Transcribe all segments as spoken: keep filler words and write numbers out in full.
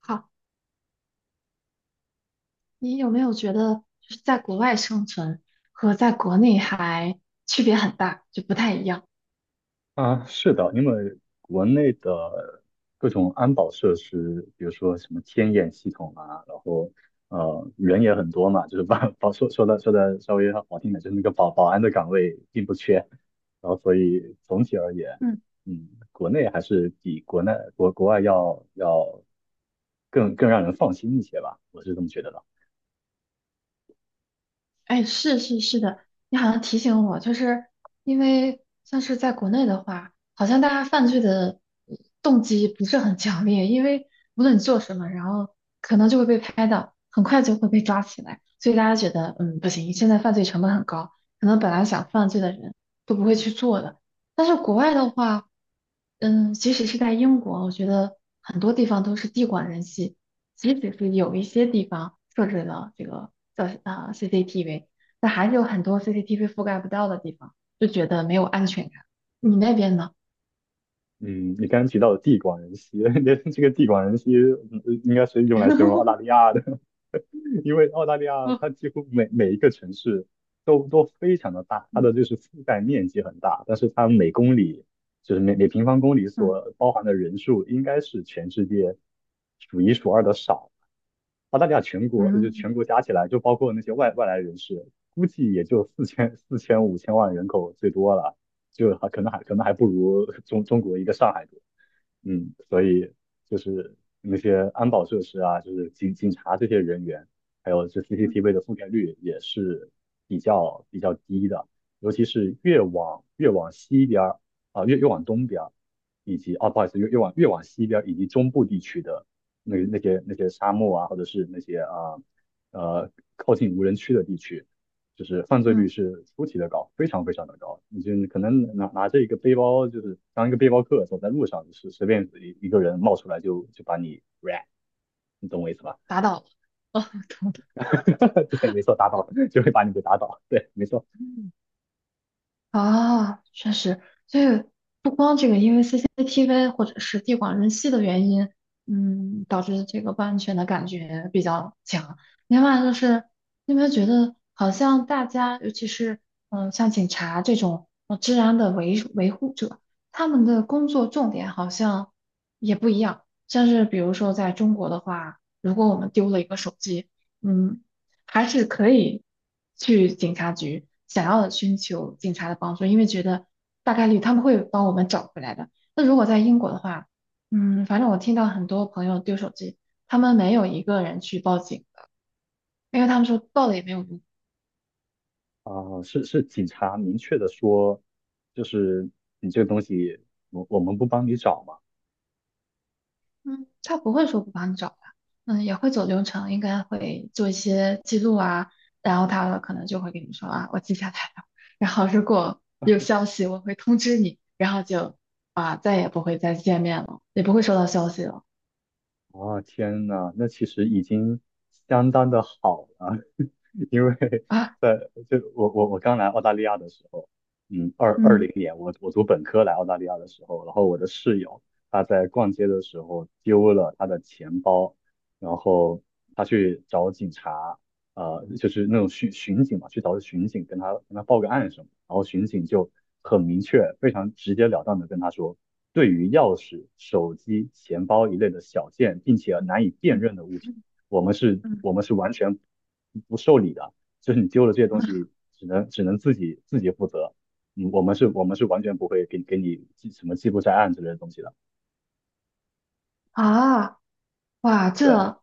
好，你有没有觉得就是在国外生存和在国内还区别很大，就不太一样？啊，是的，因为国内的各种安保设施，比如说什么天眼系统啊，然后呃人也很多嘛，就是保保说说的说的稍微好听点，就是那个保保安的岗位并不缺，然后所以总体而言，嗯，国内还是比国内国国外要要更更让人放心一些吧，我是这么觉得的。哎，是是是的，你好像提醒我，就是因为像是在国内的话，好像大家犯罪的呃动机不是很强烈，因为无论你做什么，然后可能就会被拍到，很快就会被抓起来，所以大家觉得，嗯，不行，现在犯罪成本很高，可能本来想犯罪的人都不会去做的。但是国外的话，嗯，即使是在英国，我觉得很多地方都是地广人稀，即使是有一些地方设置了这个。叫啊、呃 C C T V，但还是有很多 C C T V 覆盖不到的地方，就觉得没有安全感。你那边呢？嗯，你刚刚提到的地广人稀，这个地广人稀嗯应该是用来形容澳大利 亚的。因为澳大利亚嗯它几乎每每一个城市都都非常的大，它的就是覆盖面积很大，但是它每公里就是每每平方公里嗯所包含的人数应该是全世界数一数二的少。澳大利亚全国呃就嗯全国加起来，就包括那些外外来人士，估计也就四千四千五千万人口最多了，就还可能还可能还不如中中国一个上海多。嗯，所以就是那些安保设施啊，就是警警察这些人员，还有这 嗯 C C T V 的覆盖率也是比较比较低的，尤其是越往越往西边儿啊、越越往东边儿，以及啊，不好意思，越越往越往西边儿以及中部地区的那那些那些沙漠啊，或者是那些啊呃靠近无人区的地区，就是犯罪率嗯，是出奇的高，非常非常的高。你就可能拿拿着一个背包，就是当一个背包客走在路上，就是随便一个人冒出来就就把你 rap,你懂我意思吧？打倒了。哦，对，没错，打倒就会把你给打倒。对，没错。啊，确实，所以不光这个，因为 C C T V 或者是地广人稀的原因，嗯，导致这个不安全的感觉比较强。另外就是，你有没有觉得好像大家，尤其是嗯、呃像警察这种呃治安的维维护者，他们的工作重点好像也不一样。像是比如说在中国的话，如果我们丢了一个手机，嗯。还是可以去警察局，想要寻求警察的帮助，因为觉得大概率他们会帮我们找回来的。那如果在英国的话，嗯，反正我听到很多朋友丢手机，他们没有一个人去报警的，因为他们说报了也没有用。啊、呃是是警察明确的说，就是你这个东西，我我们不帮你找嘛。嗯，他不会说不帮你找的，嗯，也会走流程，应该会做一些记录啊，然后他可能就会跟你说啊，我记下来了，然后如果有消息我会通知你，然后就啊再也不会再见面了，也不会收到消息了啊、天呐，那其实已经相当的好了。因为啊，在就我我我刚来澳大利亚的时候，嗯，二二嗯零年我我读本科来澳大利亚的时候，然后我的室友他在逛街的时候丢了他的钱包，然后他去找警察，呃，就是那种巡巡警嘛，去找巡警跟他跟他报个案什么，然后巡警就很明确、非常直截了当的跟他说，对于钥匙、手机、钱包一类的小件，并且难以辨嗯认的物品。我们是，我嗯们是完全不受理的，就是你丢了这些东嗯西，只能只能自己自己负责。嗯，我们是，我们是完全不会给给你记什么记录在案之类的东西的。啊，哇，对。这。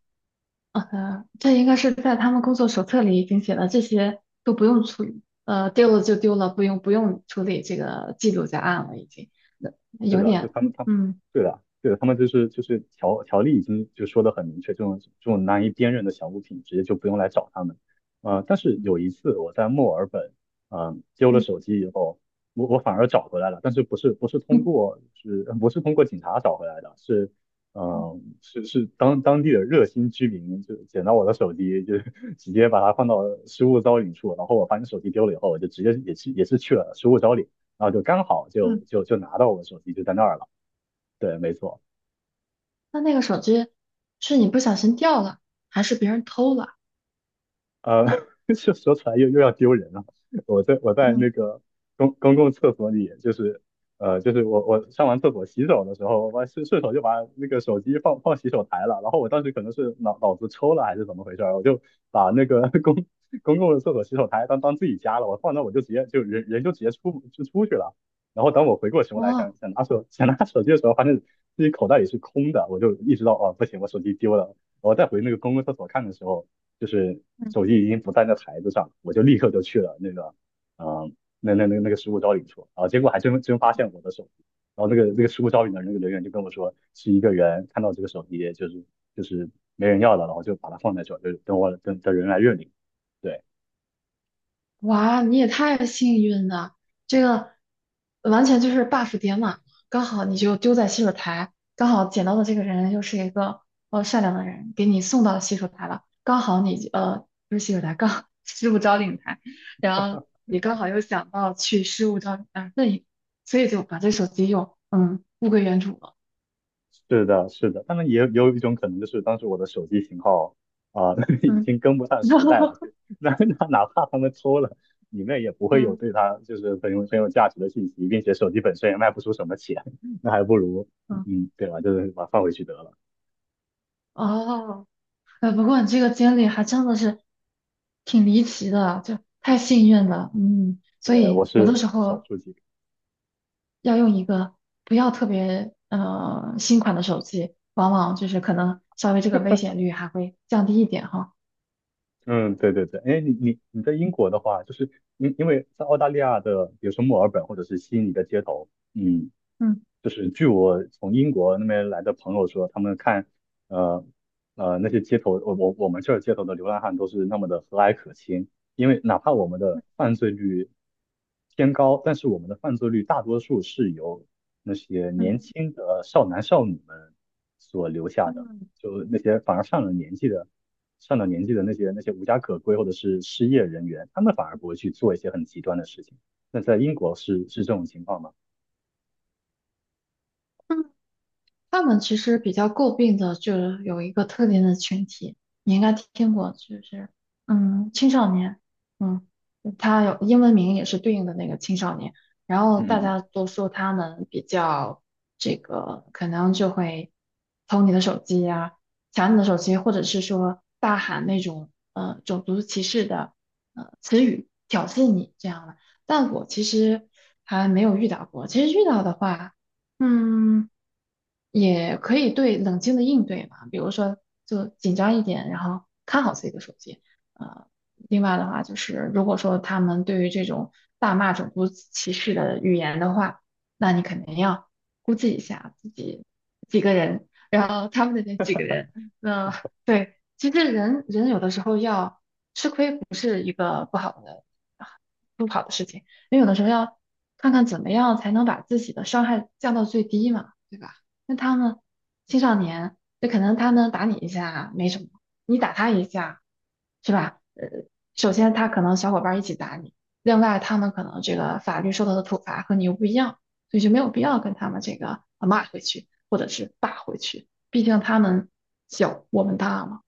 呃，这应该是在他们工作手册里已经写了，这些都不用处理，呃，丢了就丢了，不用不用处理这个记录在案了，已经，呃是有的，就点，他们他们嗯对的，对的，他们就是就是条条例已经就说的很明确，这种这种难以辨认的小物品直接就不用来找他们。呃，但是嗯有一次我在墨尔本，嗯、丢了嗯手机以后，我我反而找回来了，但是不是不是通嗯过是不是通过警察找回来的，是嗯、嗯呃是是当当地的热心居民就捡到我的手机，就 直接把它放到失物招领处，然后我发现手机丢了以后，我就直接也是也是去了失物招领。然后就刚好就嗯，就就拿到我的手机就在那儿了。对，没错。那那个手机是你不小心掉了，还是别人偷了？呃，就说出来又又要丢人了。我在我在嗯，那个公公共厕所里，就是呃，就是我我上完厕所洗手的时候，我顺顺手就把那个手机放放洗手台了。然后我当时可能是脑脑子抽了还是怎么回事儿，我就把那个 公公共的厕所洗手台当当自己家了。我放那我就直接就人人就直接出就出去了。然后等我回过神过来想哦。想拿手想拿手机的时候，发现自己口袋里是空的，我就意识到哦不行，我手机丢了。我再回那个公共厕所看的时候，就是嗯手机已经不在那台子上了，我就立刻就去了那个，嗯、那那那那个失物招领处，然后结果还真真发现我的手机，然后那个那个失物招领的那个人员就跟我说，是一个人看到这个手机就是就是没人要了，然后就把它放在这儿，就等我等等人来认领。对，哇，你也太幸运了，这个完全就是 buff 点满了，刚好你就丢在洗手台，刚好捡到的这个人又是一个呃善良的人，给你送到洗手台了，刚好你呃不是洗手台，刚好 失物招领台，然后你刚好又想到去失物招领台，那所以就把这手机又嗯物归原主了，是的，是的，当然也有也有一种可能，就是当时我的手机型号啊、已嗯，经跟不上时代了，就 那那哪怕他们抽了，里面也不会有嗯对它就是很有很有价值的信息，并且手机本身也卖不出什么钱，那还不如嗯嗯，对吧？就是把它放回去得了。哦。呃，不过你这个经历还真的是挺离奇的，就太幸运了，嗯，所对，我以有的是时少候数几个。要用一个不要特别呃新款的手机，往往就是可能稍微这个危险率还会降低一点哈，嗯，对对对，哎，你你你在英国的话，就是因因为在澳大利亚的，比如说墨尔本或者是悉尼的街头，嗯，嗯。就是据我从英国那边来的朋友说，他们看，呃呃那些街头，我我我们这儿街头的流浪汉都是那么的和蔼可亲，因为哪怕我们的犯罪率偏高，但是我们的犯罪率大多数是由那些嗯年轻的少男少女们所留下的，嗯。就那些反而上了年纪的。上了年纪的那些那些无家可归或者是失业人员，他们反而不会去做一些很极端的事情。那在英国是是这种情况吗？嗯他们其实比较诟病的就是有一个特定的群体，你应该听过，就是嗯青少年，嗯，他有英文名也是对应的那个青少年，然后大嗯。家都说他们比较这个，可能就会偷你的手机呀、抢你的手机，或者是说大喊那种呃种族歧视的呃词语挑衅你这样的，但我其实还没有遇到过，其实遇到的话。嗯，也可以对冷静的应对吧，比如说就紧张一点，然后看好自己的手机。呃，另外的话就是，如果说他们对于这种大骂种族歧视的语言的话，那你肯定要估计一下自己几个人他们的那几个人。那对，其实人人有的时候要吃亏，不是一个不好的啊不好的事情，因为有的时候要看看怎么样才能把自己的伤害降到最低嘛，对吧？那他们青少年，那可能他们打你一下没什么，你打他一下，是吧？呃，首先他可能小伙伴儿一起打你，另外他们可能这个法律受到的处罚和你又不一样，所以就没有必要跟他们这个呃骂回去或者是打回去。毕竟他们小，我们大嘛。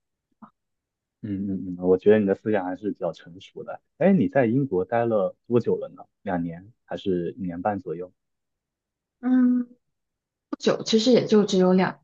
嗯嗯嗯，我觉得你的思想还是比较成熟的。哎，你在英国待了多久了呢？两年还是一年半左右？嗯，不久，其实也就只有两，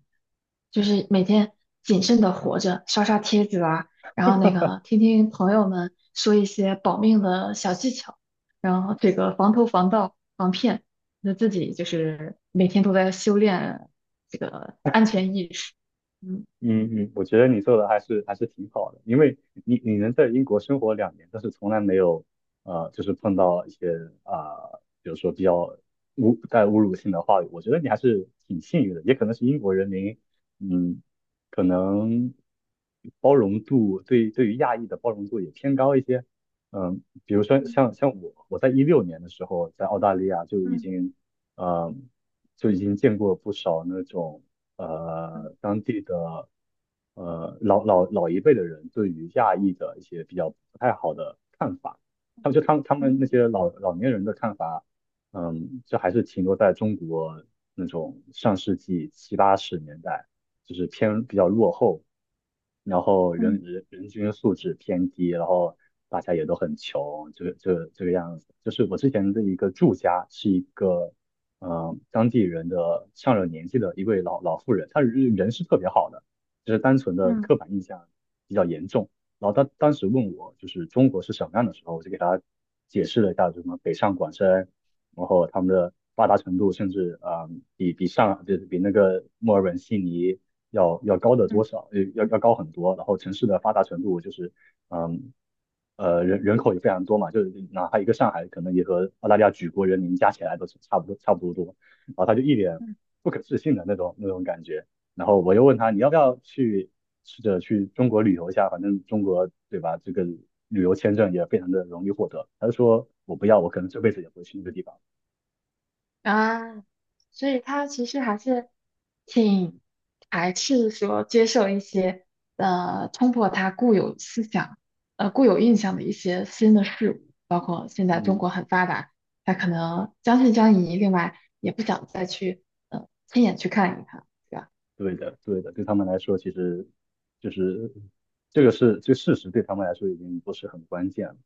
就是每天谨慎的活着，刷刷帖子啊，然后那个听听朋友们说一些保命的小技巧，然后这个防偷、防盗、防骗，那自己就是每天都在修炼这个安全意识。嗯。嗯嗯，我觉得你做的还是还是挺好的，因为你你能在英国生活两年，但是从来没有呃，就是碰到一些啊、呃比如说比较侮带侮辱性的话语，我觉得你还是挺幸运的，也可能是英国人民，嗯，可能包容度对对于亚裔的包容度也偏高一些，嗯，比如说像像我我在一六年的时候在澳大利亚就已经呃就已经见过不少那种，呃当地的呃老老老一辈的人对于亚裔的一些比较不太好的看法，他们就他们他们那些老老年人的看法，嗯，就还是停留在中国那种上世纪七八十年代，就是偏比较落后，然后人嗯人人均素质偏低，然后大家也都很穷，这个这个这个样子。就是我之前的一个住家是一个呃，当地人的上了年纪的一位老老妇人，她人人是特别好的，就是单纯的嗯刻板印象比较严重。然后她当时问我就是中国是什么样的时候，我就给她解释了一下什么北上广深，然后他们的发达程度甚至啊、呃比比上就是比那个墨尔本、悉尼要要高的多嗯。少，呃要要高很多。然后城市的发达程度就是嗯，呃，人人口也非常多嘛，就是哪怕一个上海，可能也和澳大利亚举国人民加起来都是差不多差不多多。然后他就一脸不可置信的那种那种感觉。然后我又问他，你要不要去试着去中国旅游一下？反正中国对吧，这个旅游签证也非常的容易获得。他就说我不要，我可能这辈子也不会去那个地方。啊，所以他其实还是挺排斥说接受一些呃冲破他固有思想、呃固有印象的一些新的事物，包括现在中国嗯，很发达，他可能将信将疑，另外也不想再去呃亲眼去看一看，对吧？对的，对的，对他们来说，其实就是这个是这个事实，对他们来说已经不是很关键了。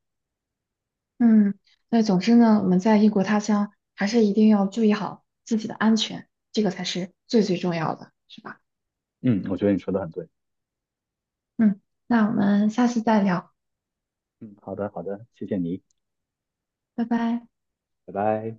嗯，那总之呢，我们在异国他乡还是一定要注意好自己的安全，这个才是最最重要的，是吧？嗯，我觉得你说的很对。嗯，那我们下次再聊，嗯，好的，好的，谢谢你，拜拜。拜拜。